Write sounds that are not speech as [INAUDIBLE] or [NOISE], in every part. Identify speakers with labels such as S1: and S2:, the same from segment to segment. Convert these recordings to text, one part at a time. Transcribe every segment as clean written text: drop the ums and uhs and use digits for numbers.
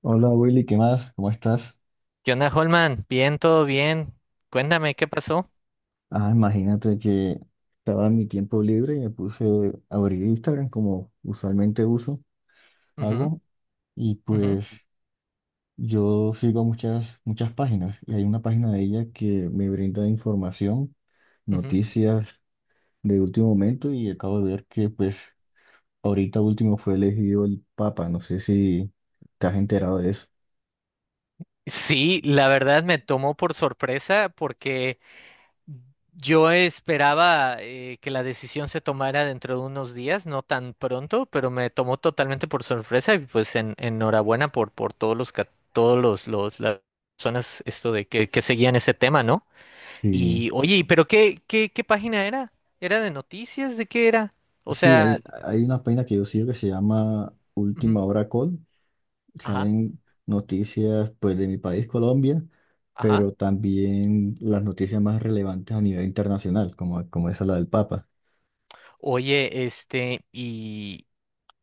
S1: Hola Willy, ¿qué más? ¿Cómo estás?
S2: ¿Qué onda, Holman? Bien, todo bien. Cuéntame, ¿qué pasó?
S1: Ah, imagínate que estaba en mi tiempo libre y me puse a abrir Instagram como usualmente uso,
S2: Ujú,
S1: hago, y
S2: ujú,
S1: pues yo sigo muchas, muchas páginas y hay una página de ella que me brinda información,
S2: ujú.
S1: noticias de último momento y acabo de ver que pues ahorita último fue elegido el Papa, no sé si te has enterado de eso.
S2: Sí, la verdad me tomó por sorpresa porque yo esperaba que la decisión se tomara dentro de unos días, no tan pronto, pero me tomó totalmente por sorpresa y pues enhorabuena por todos las personas esto de que seguían ese tema, ¿no?
S1: Sí,
S2: Y oye, ¿pero qué página era? ¿Era de noticias? ¿De qué era? O
S1: sí,
S2: sea,
S1: hay una página que yo sigo que se llama
S2: ujú.
S1: Última Hora Call
S2: Ajá,
S1: salen noticias pues de mi país, Colombia,
S2: ajá.
S1: pero también las noticias más relevantes a nivel internacional, como, como esa la del Papa.
S2: Oye, este, y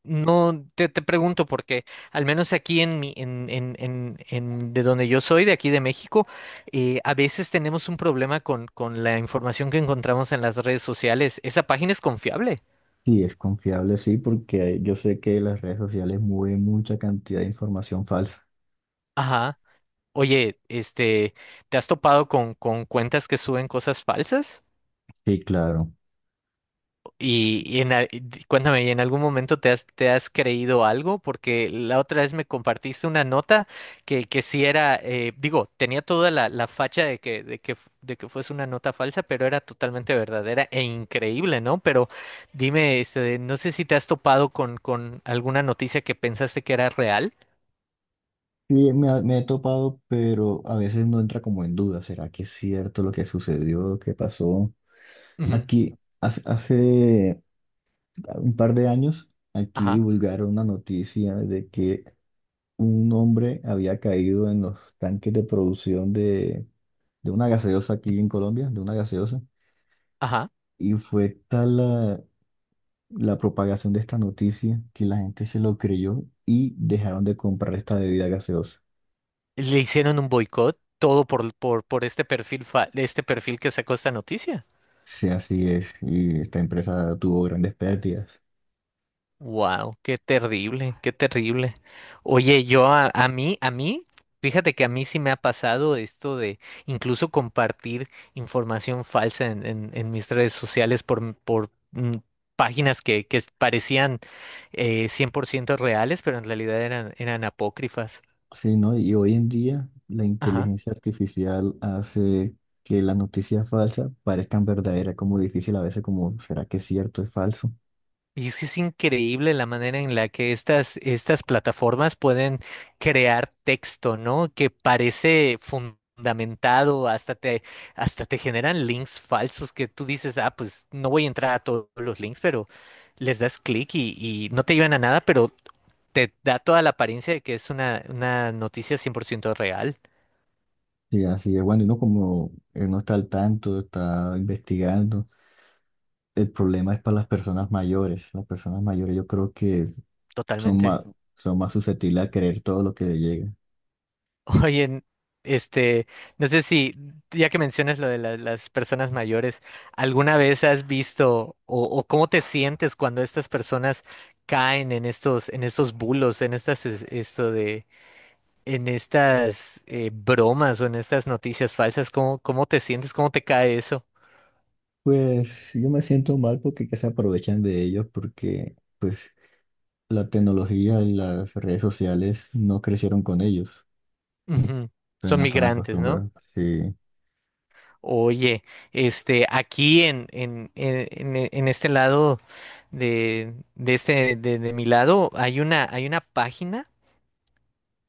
S2: no te pregunto porque al menos aquí en en de donde yo soy, de aquí de México, a veces tenemos un problema con la información que encontramos en las redes sociales. ¿Esa página es confiable?
S1: Sí, es confiable, sí, porque yo sé que las redes sociales mueven mucha cantidad de información falsa.
S2: Ajá. Oye, este, ¿te has topado con cuentas que suben cosas falsas?
S1: Sí, claro.
S2: Y cuéntame, ¿y en algún momento te te has creído algo? Porque la otra vez me compartiste una nota que sí era, digo, tenía toda la facha de de que fuese una nota falsa, pero era totalmente verdadera e increíble, ¿no? Pero dime, este, no sé si te has topado con alguna noticia que pensaste que era real.
S1: Sí, me he topado, pero a veces no entra como en duda. ¿Será que es cierto lo que sucedió, lo que pasó?
S2: Ujú.
S1: Aquí, hace un par de años, aquí
S2: Ajá,
S1: divulgaron una noticia de que un hombre había caído en los tanques de producción de una gaseosa aquí en Colombia, de una gaseosa,
S2: ajá.
S1: y fue tal la propagación de esta noticia que la gente se lo creyó y dejaron de comprar esta bebida gaseosa.
S2: Le hicieron un boicot, todo por este perfil, este perfil que sacó esta noticia.
S1: Sí, así es, y esta empresa tuvo grandes pérdidas.
S2: Wow, qué terrible, qué terrible. Oye, yo a mí, fíjate que a mí sí me ha pasado esto de incluso compartir información falsa en mis redes sociales por páginas que parecían 100% reales, pero en realidad eran apócrifas.
S1: Sí, ¿no? Y hoy en día la
S2: Ajá.
S1: inteligencia artificial hace que las noticias falsas parezcan verdaderas, como difícil a veces, como, ¿será que es cierto, es falso?
S2: Y es que es increíble la manera en la que estas plataformas pueden crear texto, ¿no? Que parece fundamentado, hasta te generan links falsos que tú dices, ah, pues no voy a entrar a todos los links, pero les das clic y no te llevan a nada, pero te da toda la apariencia de que es una noticia 100% real,
S1: Sí, así es. Bueno, y uno como no está al tanto, está investigando. El problema es para las personas mayores. Las personas mayores yo creo que son
S2: totalmente.
S1: más, son más susceptibles a creer todo lo que les llega.
S2: Oye, este, no sé si, ya que mencionas lo de las personas mayores, ¿alguna vez has visto o cómo te sientes cuando estas personas caen en en estos bulos, en esto de, en estas bromas o en estas noticias falsas? ¿Cómo, cómo te sientes? ¿Cómo te cae eso?
S1: Pues yo me siento mal porque que se aprovechan de ellos porque pues la tecnología y las redes sociales no crecieron con ellos.
S2: Ujú.
S1: Entonces
S2: Son
S1: no están
S2: migrantes, ¿no?
S1: acostumbrados. Sí.
S2: Oye, este, aquí en este lado de mi lado, hay una página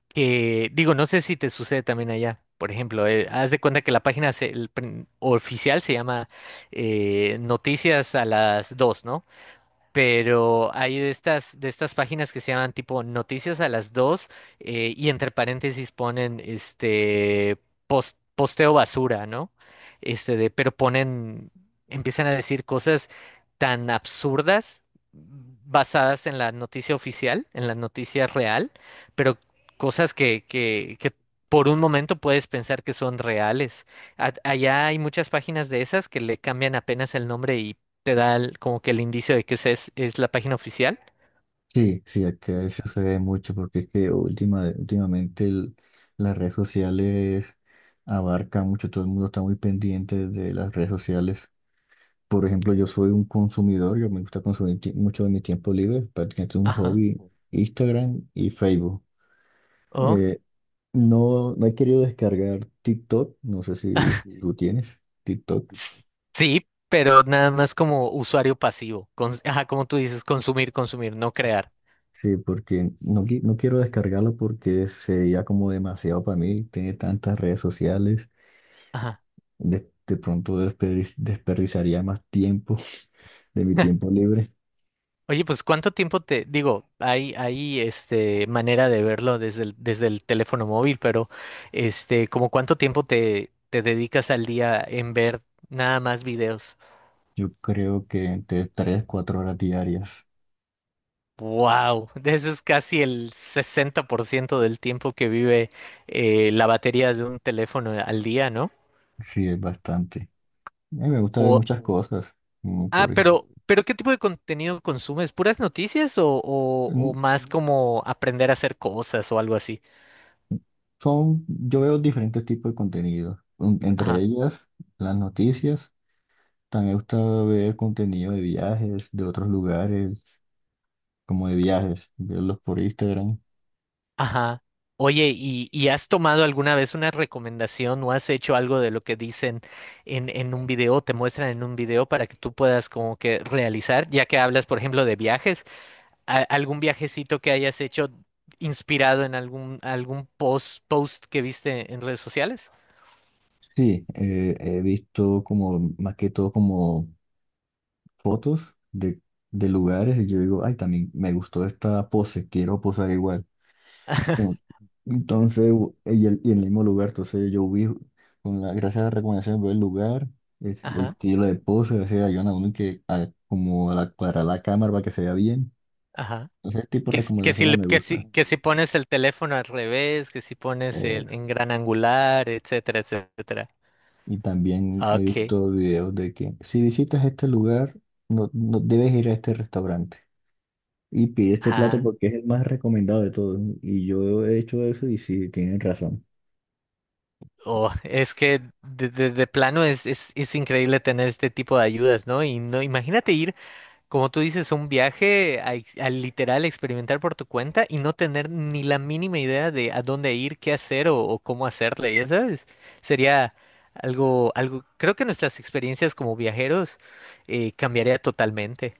S2: que, digo, no sé si te sucede también allá. Por ejemplo, haz de cuenta que la página oficial se llama Noticias a las 2, ¿no? Pero hay de de estas páginas que se llaman tipo Noticias a las dos, y entre paréntesis ponen este posteo basura, ¿no? Este de, pero ponen, empiezan a decir cosas tan absurdas basadas en la noticia oficial, en la noticia real, pero cosas que por un momento puedes pensar que son reales. A- allá hay muchas páginas de esas que le cambian apenas el nombre te da como que el indicio de que esa es la página oficial.
S1: Sí, sí, acá eso se ve mucho porque es que últimamente las redes sociales abarcan mucho, todo el mundo está muy pendiente de las redes sociales. Por ejemplo, yo soy un consumidor, yo me gusta consumir mucho de mi tiempo libre, prácticamente un
S2: Ajá.
S1: hobby, Instagram y Facebook.
S2: Oh.
S1: Eh, no he querido descargar TikTok, no sé si tú tienes TikTok.
S2: s- Sí, pero nada más como usuario pasivo. Ajá, como tú dices, consumir, consumir, no crear.
S1: Sí, porque no quiero descargarlo porque sería como demasiado para mí, tiene tantas redes sociales.
S2: Ajá.
S1: De pronto desperdiciaría más tiempo de mi tiempo
S2: [LAUGHS]
S1: libre.
S2: Oye, pues ¿cuánto tiempo te digo? Hay este manera de verlo desde el teléfono móvil, pero este, ¿como cuánto tiempo te dedicas al día en ver nada más videos?
S1: Yo creo que entre 3, 4 horas diarias,
S2: Wow, eso es casi el 60% del tiempo que vive la batería de un teléfono al día, ¿no?
S1: sí es bastante. A mí me gusta ver
S2: O,
S1: muchas
S2: ujú.
S1: cosas. Por
S2: Ah,
S1: ejemplo,
S2: pero ¿qué tipo de contenido consumes? ¿Puras noticias o
S1: mm,
S2: más como aprender a hacer cosas o algo así?
S1: yo veo diferentes tipos de contenido. Entre
S2: Ajá,
S1: ellas, las noticias. También me gusta ver contenido de viajes, de otros lugares, como de viajes, verlos por Instagram.
S2: ajá. Oye, ¿ y has tomado alguna vez una recomendación o has hecho algo de lo que dicen en un video, te muestran en un video para que tú puedas como que realizar, ya que hablas, por ejemplo, de viajes? Algún viajecito que hayas hecho inspirado en algún post que viste en redes sociales.
S1: Sí, he visto como, más que todo como fotos de lugares y yo digo, ay, también me gustó esta pose, quiero posar igual. Ento-
S2: [LAUGHS]
S1: Entonces, y en el mismo lugar, entonces yo vi, con la, gracias a las recomendaciones, veo el lugar,
S2: Ajá,
S1: estilo de pose, o sea, ayudan a uno que como aclarar la cámara para que se vea bien.
S2: ajá.
S1: Ese tipo
S2: Que,
S1: de recomendaciones me gusta.
S2: que si pones el teléfono al revés, que si pones el,
S1: Es-
S2: en gran angular, etcétera, etcétera.
S1: y también he
S2: Ok.
S1: visto videos de que si visitas este lugar, no, no debes ir a este restaurante. Y pide este plato
S2: Ah,
S1: porque es el más recomendado de todos. Y yo he hecho eso y sí, tienen razón.
S2: oh, es que de plano es increíble tener este tipo de ayudas, ¿no? Y no, imagínate ir, como tú dices, un viaje a literal experimentar por tu cuenta y no tener ni la mínima idea de a dónde ir, qué hacer o cómo hacerle, ya sabes, sería algo, algo, creo que nuestras experiencias como viajeros cambiaría totalmente.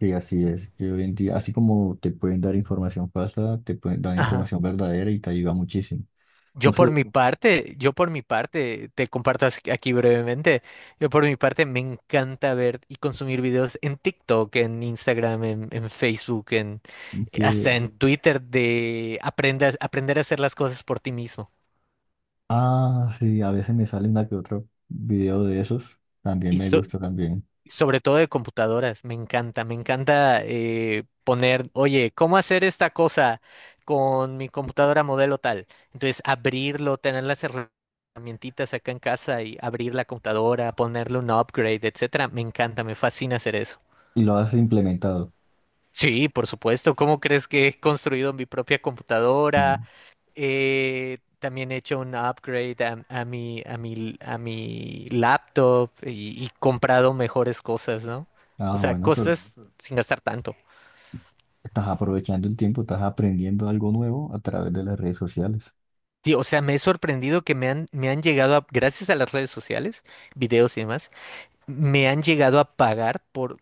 S1: Sí, así es. Que hoy en día, así como te pueden dar información falsa, te pueden dar
S2: Ajá.
S1: información verdadera y te ayuda muchísimo. Entonces,
S2: Yo por mi parte, te comparto aquí brevemente, yo por mi parte me encanta ver y consumir videos en TikTok, en Instagram, en Facebook, en,
S1: que,
S2: hasta en Twitter de aprendas, aprender a hacer las cosas por ti mismo.
S1: ah, sí, a veces me sale una que otro video de esos, también
S2: Y,
S1: me
S2: so-
S1: gusta también.
S2: Sobre todo de computadoras, me encanta poner, oye, ¿cómo hacer esta cosa con mi computadora modelo tal? Entonces, abrirlo, tener las herramientitas acá en casa y abrir la computadora, ponerle un upgrade, etcétera. Me encanta, me fascina hacer eso.
S1: Y lo has implementado.
S2: Sí, por supuesto. ¿Cómo crees que he construido mi propia computadora?
S1: Mm.
S2: También he hecho un upgrade a mi laptop y comprado mejores cosas, ¿no? O
S1: Ah,
S2: sea, mm,
S1: bueno, pero
S2: cosas sin gastar tanto.
S1: estás aprovechando el tiempo, estás aprendiendo algo nuevo a través de las redes sociales.
S2: Sí, o sea, me he sorprendido que me han llegado a, gracias a las redes sociales, videos y demás, me han llegado a pagar por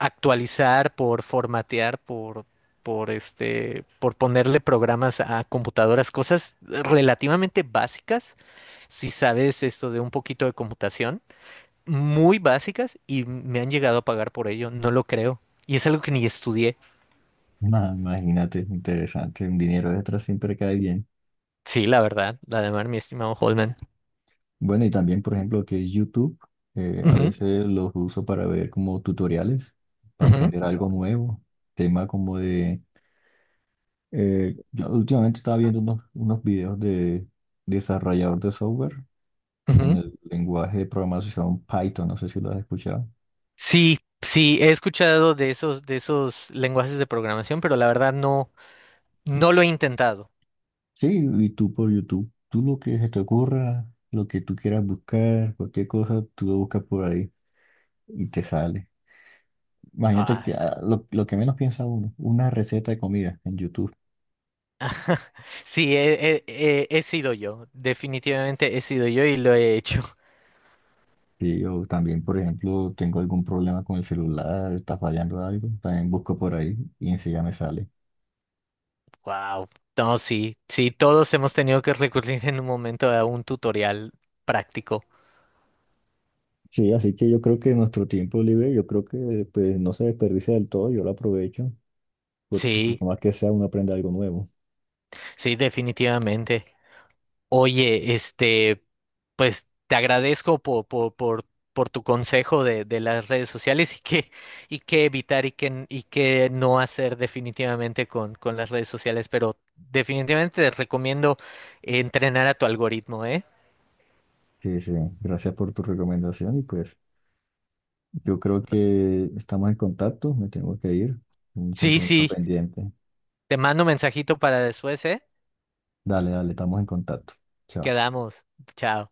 S2: actualizar, por formatear, por este, por ponerle programas a computadoras, cosas relativamente básicas, si sabes esto de un poquito de computación muy básicas y me han llegado a pagar por ello, no lo creo. Y es algo que ni estudié.
S1: Ah, imagínate, interesante, un dinero extra siempre cae bien.
S2: Sí, la verdad, la de mar, mi estimado Holman.
S1: Bueno, y también, por ejemplo, que es YouTube, a
S2: Ujú,
S1: veces los uso para ver como tutoriales, para
S2: ujú,
S1: aprender algo nuevo, tema como yo últimamente estaba viendo unos videos de desarrollador de software en
S2: ujú.
S1: el lenguaje de programación Python, no sé si lo has escuchado.
S2: Sí, sí, he escuchado de esos lenguajes de programación, pero la verdad no, no lo he intentado.
S1: Sí, y tú por YouTube, tú lo que se te ocurra, lo que tú quieras buscar, cualquier cosa, tú lo buscas por ahí y te sale. Imagínate que
S2: Ah,
S1: ah, lo que menos piensa uno, una receta de comida en YouTube.
S2: sí, he sido yo, definitivamente he sido yo y lo he hecho. [LAUGHS]
S1: Sí, yo también, por ejemplo, tengo algún problema con el celular, está fallando algo, también busco por ahí y enseguida me sale.
S2: Wow. No, sí, sí, todos hemos tenido que recurrir en un momento a un tutorial práctico.
S1: Sí, así que yo creo que nuestro tiempo libre, yo creo que pues no se desperdicia del todo, yo lo aprovecho, porque pues,
S2: Sí,
S1: por más que sea, uno aprende algo nuevo.
S2: sí, definitivamente. Oye, este, pues te agradezco por tu consejo de las redes sociales y qué evitar y qué no hacer definitivamente con las redes sociales, pero definitivamente te recomiendo entrenar a tu algoritmo, ¿eh?
S1: Sí, sí, gracias por tu recomendación y pues yo creo que estamos en contacto, me tengo que ir, un
S2: Sí,
S1: compromiso
S2: sí,
S1: pendiente.
S2: te mando un mensajito para después, ¿eh?
S1: Dale, dale, estamos en contacto. Chao.
S2: Quedamos. Chao.